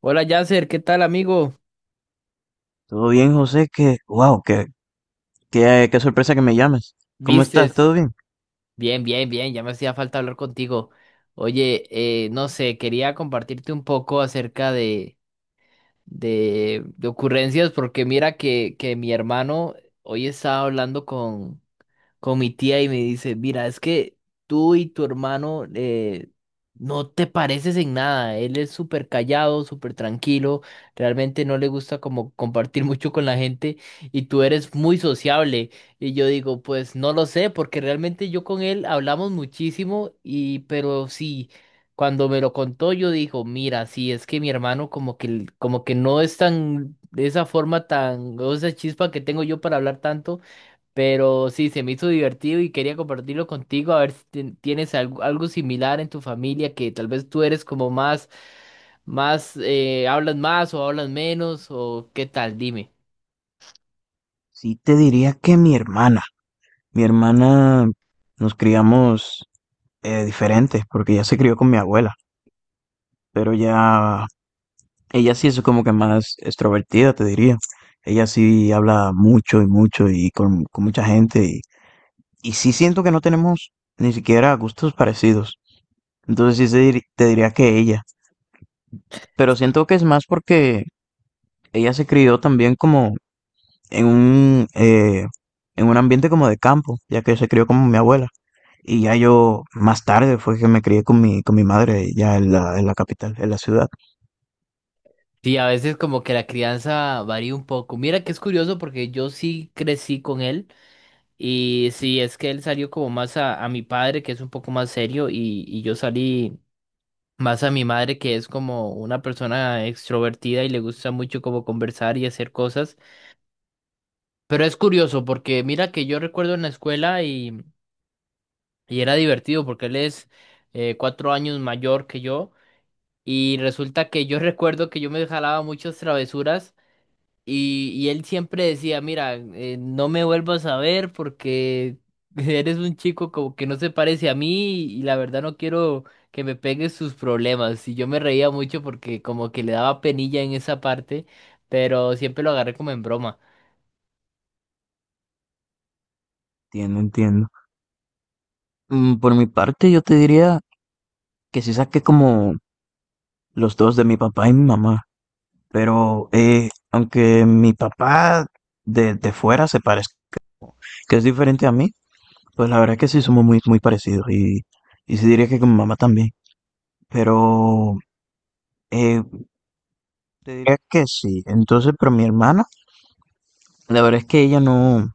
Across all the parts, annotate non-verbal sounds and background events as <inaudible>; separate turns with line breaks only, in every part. Hola Yasser, ¿qué tal amigo?
Todo bien, José, que, wow, qué sorpresa que me llames. ¿Cómo estás?
¿Vistes?
¿Todo bien?
Bien, bien, bien, ya me hacía falta hablar contigo. Oye, no sé, quería compartirte un poco acerca de ocurrencias porque mira que mi hermano hoy estaba hablando con mi tía y me dice, mira, es que tú y tu hermano no te pareces en nada. Él es súper callado, súper tranquilo, realmente no le gusta como compartir <laughs> mucho con la gente y tú eres muy sociable. Y yo digo, pues no lo sé, porque realmente yo con él hablamos muchísimo y pero sí. Cuando me lo contó, yo dijo, mira, sí, es que mi hermano como que no es tan, de esa forma tan, o esa chispa que tengo yo para hablar tanto, pero sí, se me hizo divertido y quería compartirlo contigo, a ver si tienes algo similar en tu familia, que tal vez tú eres como más, hablas más o hablas menos, o qué tal, dime.
Sí, te diría que mi hermana, nos criamos diferentes, porque ella se crió con mi abuela, pero ya, ella sí es como que más extrovertida, te diría. Ella sí habla mucho y mucho y con mucha gente, y sí siento que no tenemos ni siquiera gustos parecidos. Entonces te diría que ella, pero siento que es más porque ella se crió también como en en un ambiente como de campo, ya que se crió con mi abuela. Y ya yo, más tarde fue que me crié con con mi madre ya en en la capital, en la ciudad.
Sí, a veces como que la crianza varía un poco. Mira que es curioso porque yo sí crecí con él y sí, es que él salió como más a mi padre, que es un poco más serio, y yo salí más a mi madre, que es como una persona extrovertida y le gusta mucho como conversar y hacer cosas. Pero es curioso porque mira que yo recuerdo en la escuela y era divertido porque él es 4 años mayor que yo y resulta que yo <laughs> recuerdo que yo me jalaba muchas travesuras y él siempre decía, mira, no me vuelvas a ver porque <laughs> eres un chico como que no se parece a mí y la verdad no quiero que me pegues sus problemas. Y yo me reía mucho porque como que le daba penilla en esa parte, pero siempre lo agarré como en broma.
Entiendo, entiendo. Mm, por mi parte, yo te diría que sí saqué como los dos de mi papá y mi mamá. Pero aunque mi papá de fuera se parezca, que es diferente a mí, pues la verdad es que sí somos muy, muy parecidos. Y sí diría que con mi mamá también. Pero eh, te diría que sí. Entonces, pero mi hermana, la verdad es que ella no,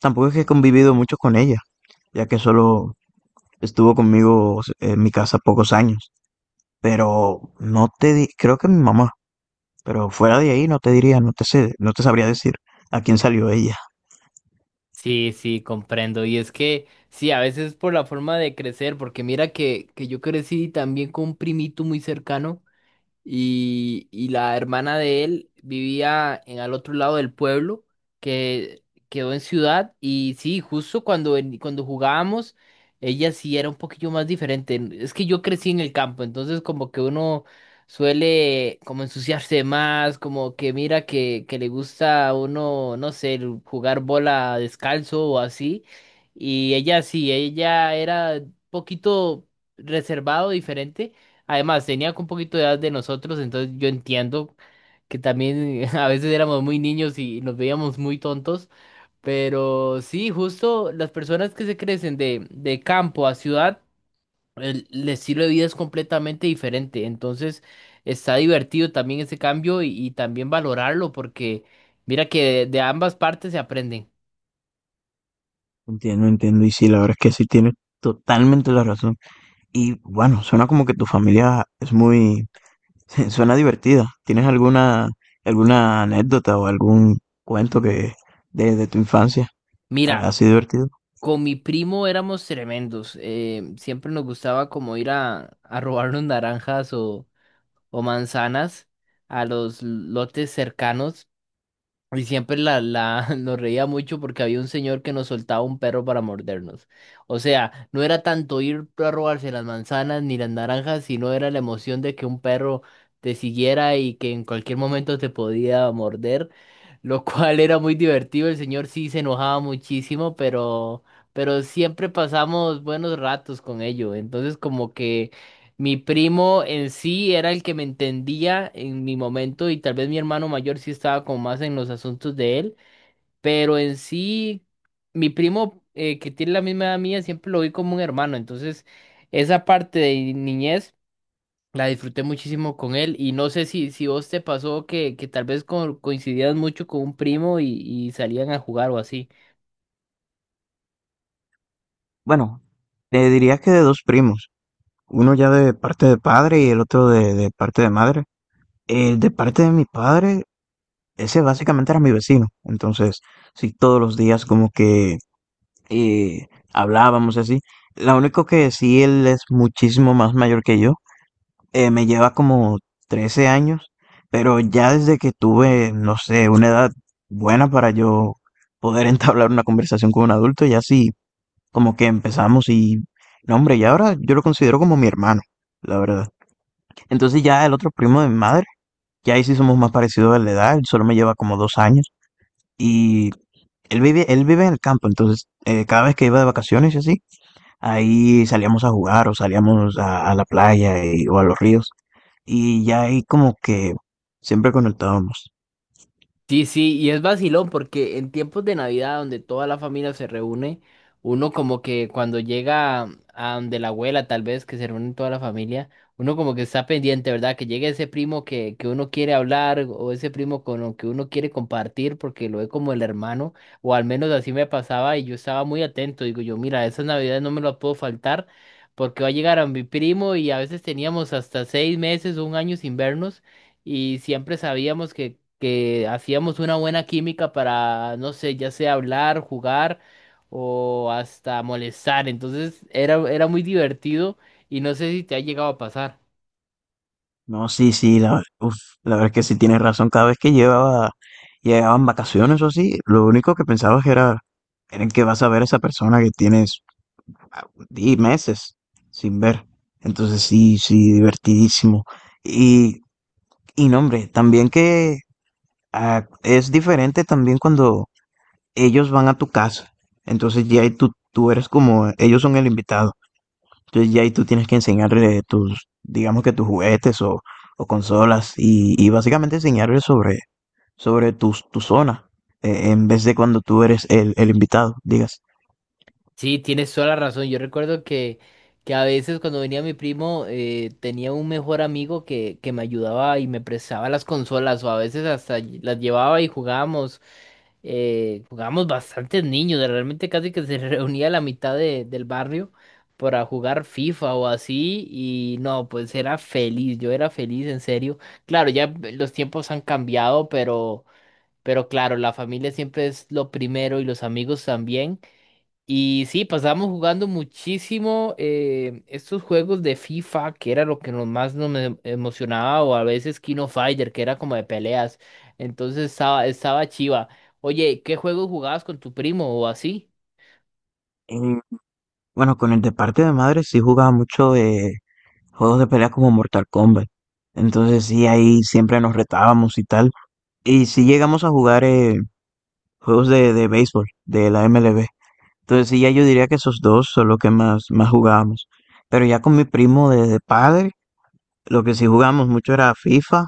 tampoco es que he convivido mucho con ella, ya que solo estuvo conmigo en mi casa pocos años, pero no te di, creo que mi mamá, pero fuera de ahí no te diría, no te sé, no te sabría decir a quién salió ella.
Sí, sí, comprendo. Y es que, sí, a veces por la forma de crecer, porque mira que yo crecí también con un primito muy cercano y la hermana de él vivía en al otro lado del pueblo, que quedó en ciudad, y sí, justo cuando jugábamos, ella sí era un poquillo más diferente. Es que yo crecí en el campo, entonces como que uno suele como ensuciarse más, como que mira que le gusta a uno, no sé, el jugar bola descalzo o así, y ella sí, ella era un poquito reservado, diferente. Además, tenía un poquito de edad de nosotros, entonces yo entiendo que también <laughs> a veces éramos muy niños y nos veíamos muy tontos, pero sí, justo las personas que se crecen de campo a ciudad, el estilo de vida es completamente diferente, entonces está divertido también ese cambio y también valorarlo porque mira que de ambas partes se aprenden.
Entiendo, entiendo, y sí, la verdad es que sí tienes totalmente la razón. Y bueno, suena como que tu familia es muy <laughs> suena divertida. ¿Tienes alguna, alguna anécdota o algún cuento que de tu infancia ha
Mira,
sido divertido?
con mi primo éramos tremendos, siempre nos gustaba como ir a robarnos naranjas o manzanas a los lotes cercanos y siempre <laughs> nos reía mucho porque había un señor que nos soltaba un perro para mordernos. O sea, no era tanto ir a robarse las manzanas ni las naranjas, sino era la emoción de que un perro te siguiera y que en cualquier momento te podía morder, lo <laughs> cual era muy divertido. El señor sí se enojaba muchísimo, Pero siempre pasamos buenos ratos con ello. Entonces, como que mi primo en sí era el que me entendía en mi momento y tal vez mi hermano mayor sí estaba como más en los asuntos de él, pero en sí mi primo que tiene la misma edad mía siempre lo vi como un hermano, entonces esa parte de niñez la disfruté muchísimo con él y no sé si vos te pasó que tal vez coincidías mucho con un primo y salían a jugar o así.
Bueno, te diría que de dos primos, uno ya de parte de padre y el otro de parte de madre. El de parte de mi padre, ese básicamente era mi vecino. Entonces, sí, todos los días como que hablábamos y así. Lo único que sí, él es muchísimo más mayor que yo. Me lleva como 13 años, pero ya desde que tuve, no sé, una edad buena para yo poder <laughs> entablar una conversación con un adulto, ya sí, como que empezamos y, no hombre, y ahora yo lo considero como mi hermano, la verdad. Entonces ya el otro primo de mi madre, ya ahí sí somos más parecidos de la edad, él solo me lleva como dos años y él vive en el campo, entonces cada vez que iba de vacaciones y así, ahí salíamos a jugar o salíamos a la playa o a los ríos. Y ya ahí como que siempre conectábamos.
Sí, sí, y es vacilón porque en tiempos de Navidad donde toda la familia se reúne, uno como que cuando llega a donde la abuela tal vez que se reúne toda la familia, uno como que está pendiente, ¿verdad? Que llegue ese primo que uno quiere hablar o ese primo con el que uno quiere compartir porque lo ve como el hermano, o al menos así me pasaba y yo estaba muy atento, digo yo, mira, esas Navidades no me las puedo faltar porque va a llegar a mi primo y a veces teníamos hasta 6 meses o un año sin vernos y siempre sabíamos que hacíamos una buena química para, no sé, ya sea hablar, jugar o hasta molestar. Entonces era muy divertido y no sé si te ha llegado a pasar.
No, sí, sí, la, uf, la verdad es que sí tienes razón. Cada vez que llevaba, llegaban vacaciones o así, lo único que pensabas era en que vas a ver a esa persona que tienes meses sin ver. Entonces sí, sí, divertidísimo. Y, y no, hombre, también que ah, es diferente también cuando ellos van a tu casa. Entonces ya ahí tú eres como, ellos son el invitado. Entonces ya ahí tú tienes que enseñarle tus, digamos que tus juguetes o consolas y básicamente enseñarle sobre tu zona en vez de cuando tú eres el invitado, digas.
Sí, tienes toda la razón. Yo recuerdo que a veces cuando venía mi primo tenía un mejor amigo que me ayudaba y me prestaba las consolas o a veces hasta las llevaba y jugábamos. Jugábamos bastantes niños, realmente casi que se <laughs> reunía la mitad del barrio para jugar FIFA o así y no, pues era feliz, yo era feliz en serio. Claro, ya los tiempos han cambiado, pero claro, la familia siempre es lo primero y los amigos también. Y sí, pasábamos jugando muchísimo estos juegos de FIFA, que era lo que nos más nos emocionaba, o a veces Kino Fighter, que era como de peleas. Entonces estaba chiva. Oye, ¿qué juegos jugabas con tu primo o así?
Eh, bueno, con el de parte de madre sí jugaba mucho de juegos de pelea como Mortal Kombat. Entonces sí, ahí siempre nos retábamos y tal. Y sí llegamos a jugar juegos de béisbol, de la MLB. Entonces sí, ya yo diría que esos dos son los que más, más jugábamos. Pero ya con mi primo de padre, lo que sí jugamos mucho era FIFA,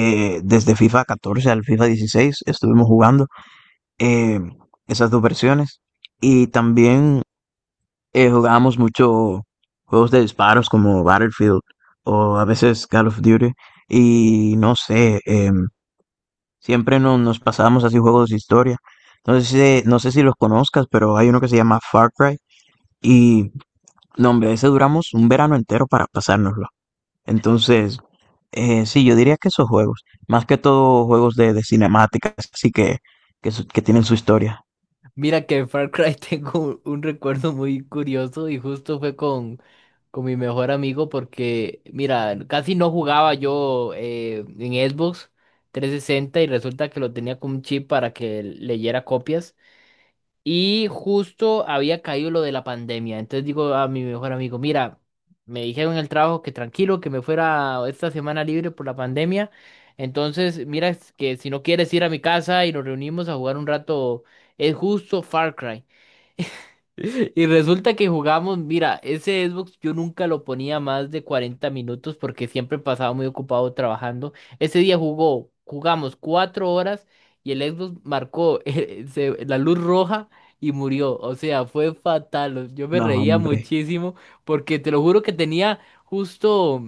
desde FIFA 14 al FIFA 16 estuvimos jugando eh, esas dos versiones. Y también jugábamos mucho juegos de disparos como Battlefield o a veces Call of Duty. Y no sé, siempre nos pasábamos así juegos de historia. No sé, si, no sé si los conozcas, pero hay uno que se llama Far Cry. Y no, hombre, ese duramos un verano entero para pasárnoslo. Entonces, sí, yo diría que esos juegos, más que todo juegos de cinemáticas, así que, que tienen su historia.
Mira que en Far Cry <laughs> tengo un recuerdo muy curioso y justo fue con mi mejor amigo porque, mira, casi no jugaba yo en Xbox 360 y resulta que lo tenía con un chip para que leyera copias. Y justo había caído lo de la pandemia. Entonces digo a mi mejor amigo, mira, me dijeron en el trabajo que tranquilo, que me fuera esta semana libre por la pandemia. Entonces, mira, es que si no quieres ir a mi casa y nos reunimos a jugar un rato, es justo Far Cry. <laughs> Y resulta que jugamos, mira, ese Xbox yo nunca lo ponía más de 40 minutos porque siempre pasaba muy ocupado trabajando. Ese día jugamos 4 horas y el Xbox marcó <laughs> la luz roja y murió. O sea, fue fatal. Yo me
No,
reía
hombre,
muchísimo porque te lo juro que tenía justo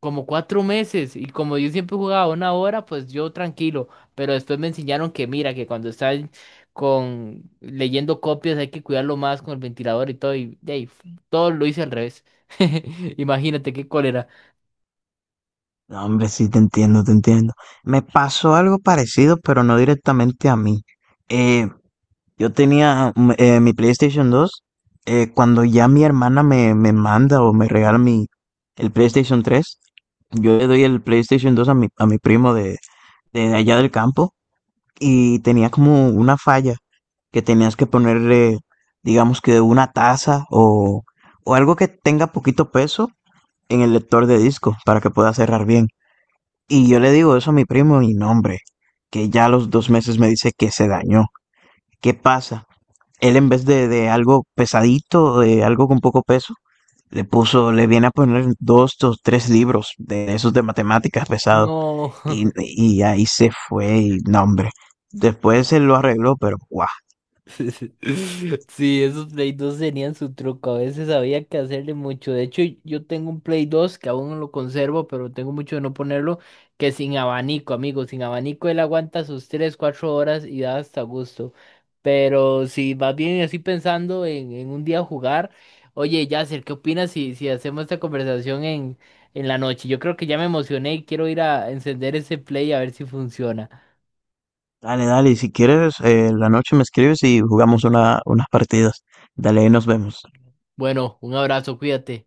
como 4 meses y como yo siempre jugaba una hora, pues yo tranquilo, pero después me enseñaron que mira, que cuando estás con leyendo copias hay que cuidarlo más con el ventilador y todo y de ahí, todo lo hice al revés. <laughs> Imagínate qué cólera.
no, hombre, sí te entiendo, te entiendo. Me pasó algo parecido, pero no directamente a mí. Eh, Yo tenía mi PlayStation 2 cuando ya mi hermana me manda o me regala el PlayStation 3. Yo le doy el PlayStation 2 a a mi primo de allá del campo y tenía como una falla que tenías que ponerle, digamos que una taza o algo que tenga poquito peso en el lector de disco para que pueda cerrar bien. Y yo le digo eso a mi primo y no, hombre, que ya a los dos meses me dice que se dañó. ¿Qué pasa? Él en vez de algo pesadito, de algo con poco peso, le puso, le viene a poner dos o tres libros de esos de matemáticas pesados.
No. <laughs>
Y ahí se fue, y no, hombre. Después se lo arregló, pero guau.
<laughs> Sí, esos Play 2 tenían su truco. A veces había que hacerle mucho. De hecho, yo tengo un Play 2 que aún no lo conservo, pero tengo mucho de no ponerlo, que sin abanico, amigo. Sin abanico él aguanta sus 3, 4 horas y da hasta gusto. Pero si vas bien así pensando en un día jugar, oye, Yasser, ¿qué opinas si hacemos esta conversación en la noche? Yo creo que ya me emocioné y quiero ir a encender ese Play a ver si funciona.
Dale, dale, y si quieres, la noche me escribes y jugamos una, unas partidas. Dale, ahí nos vemos.
Bueno, un abrazo, cuídate.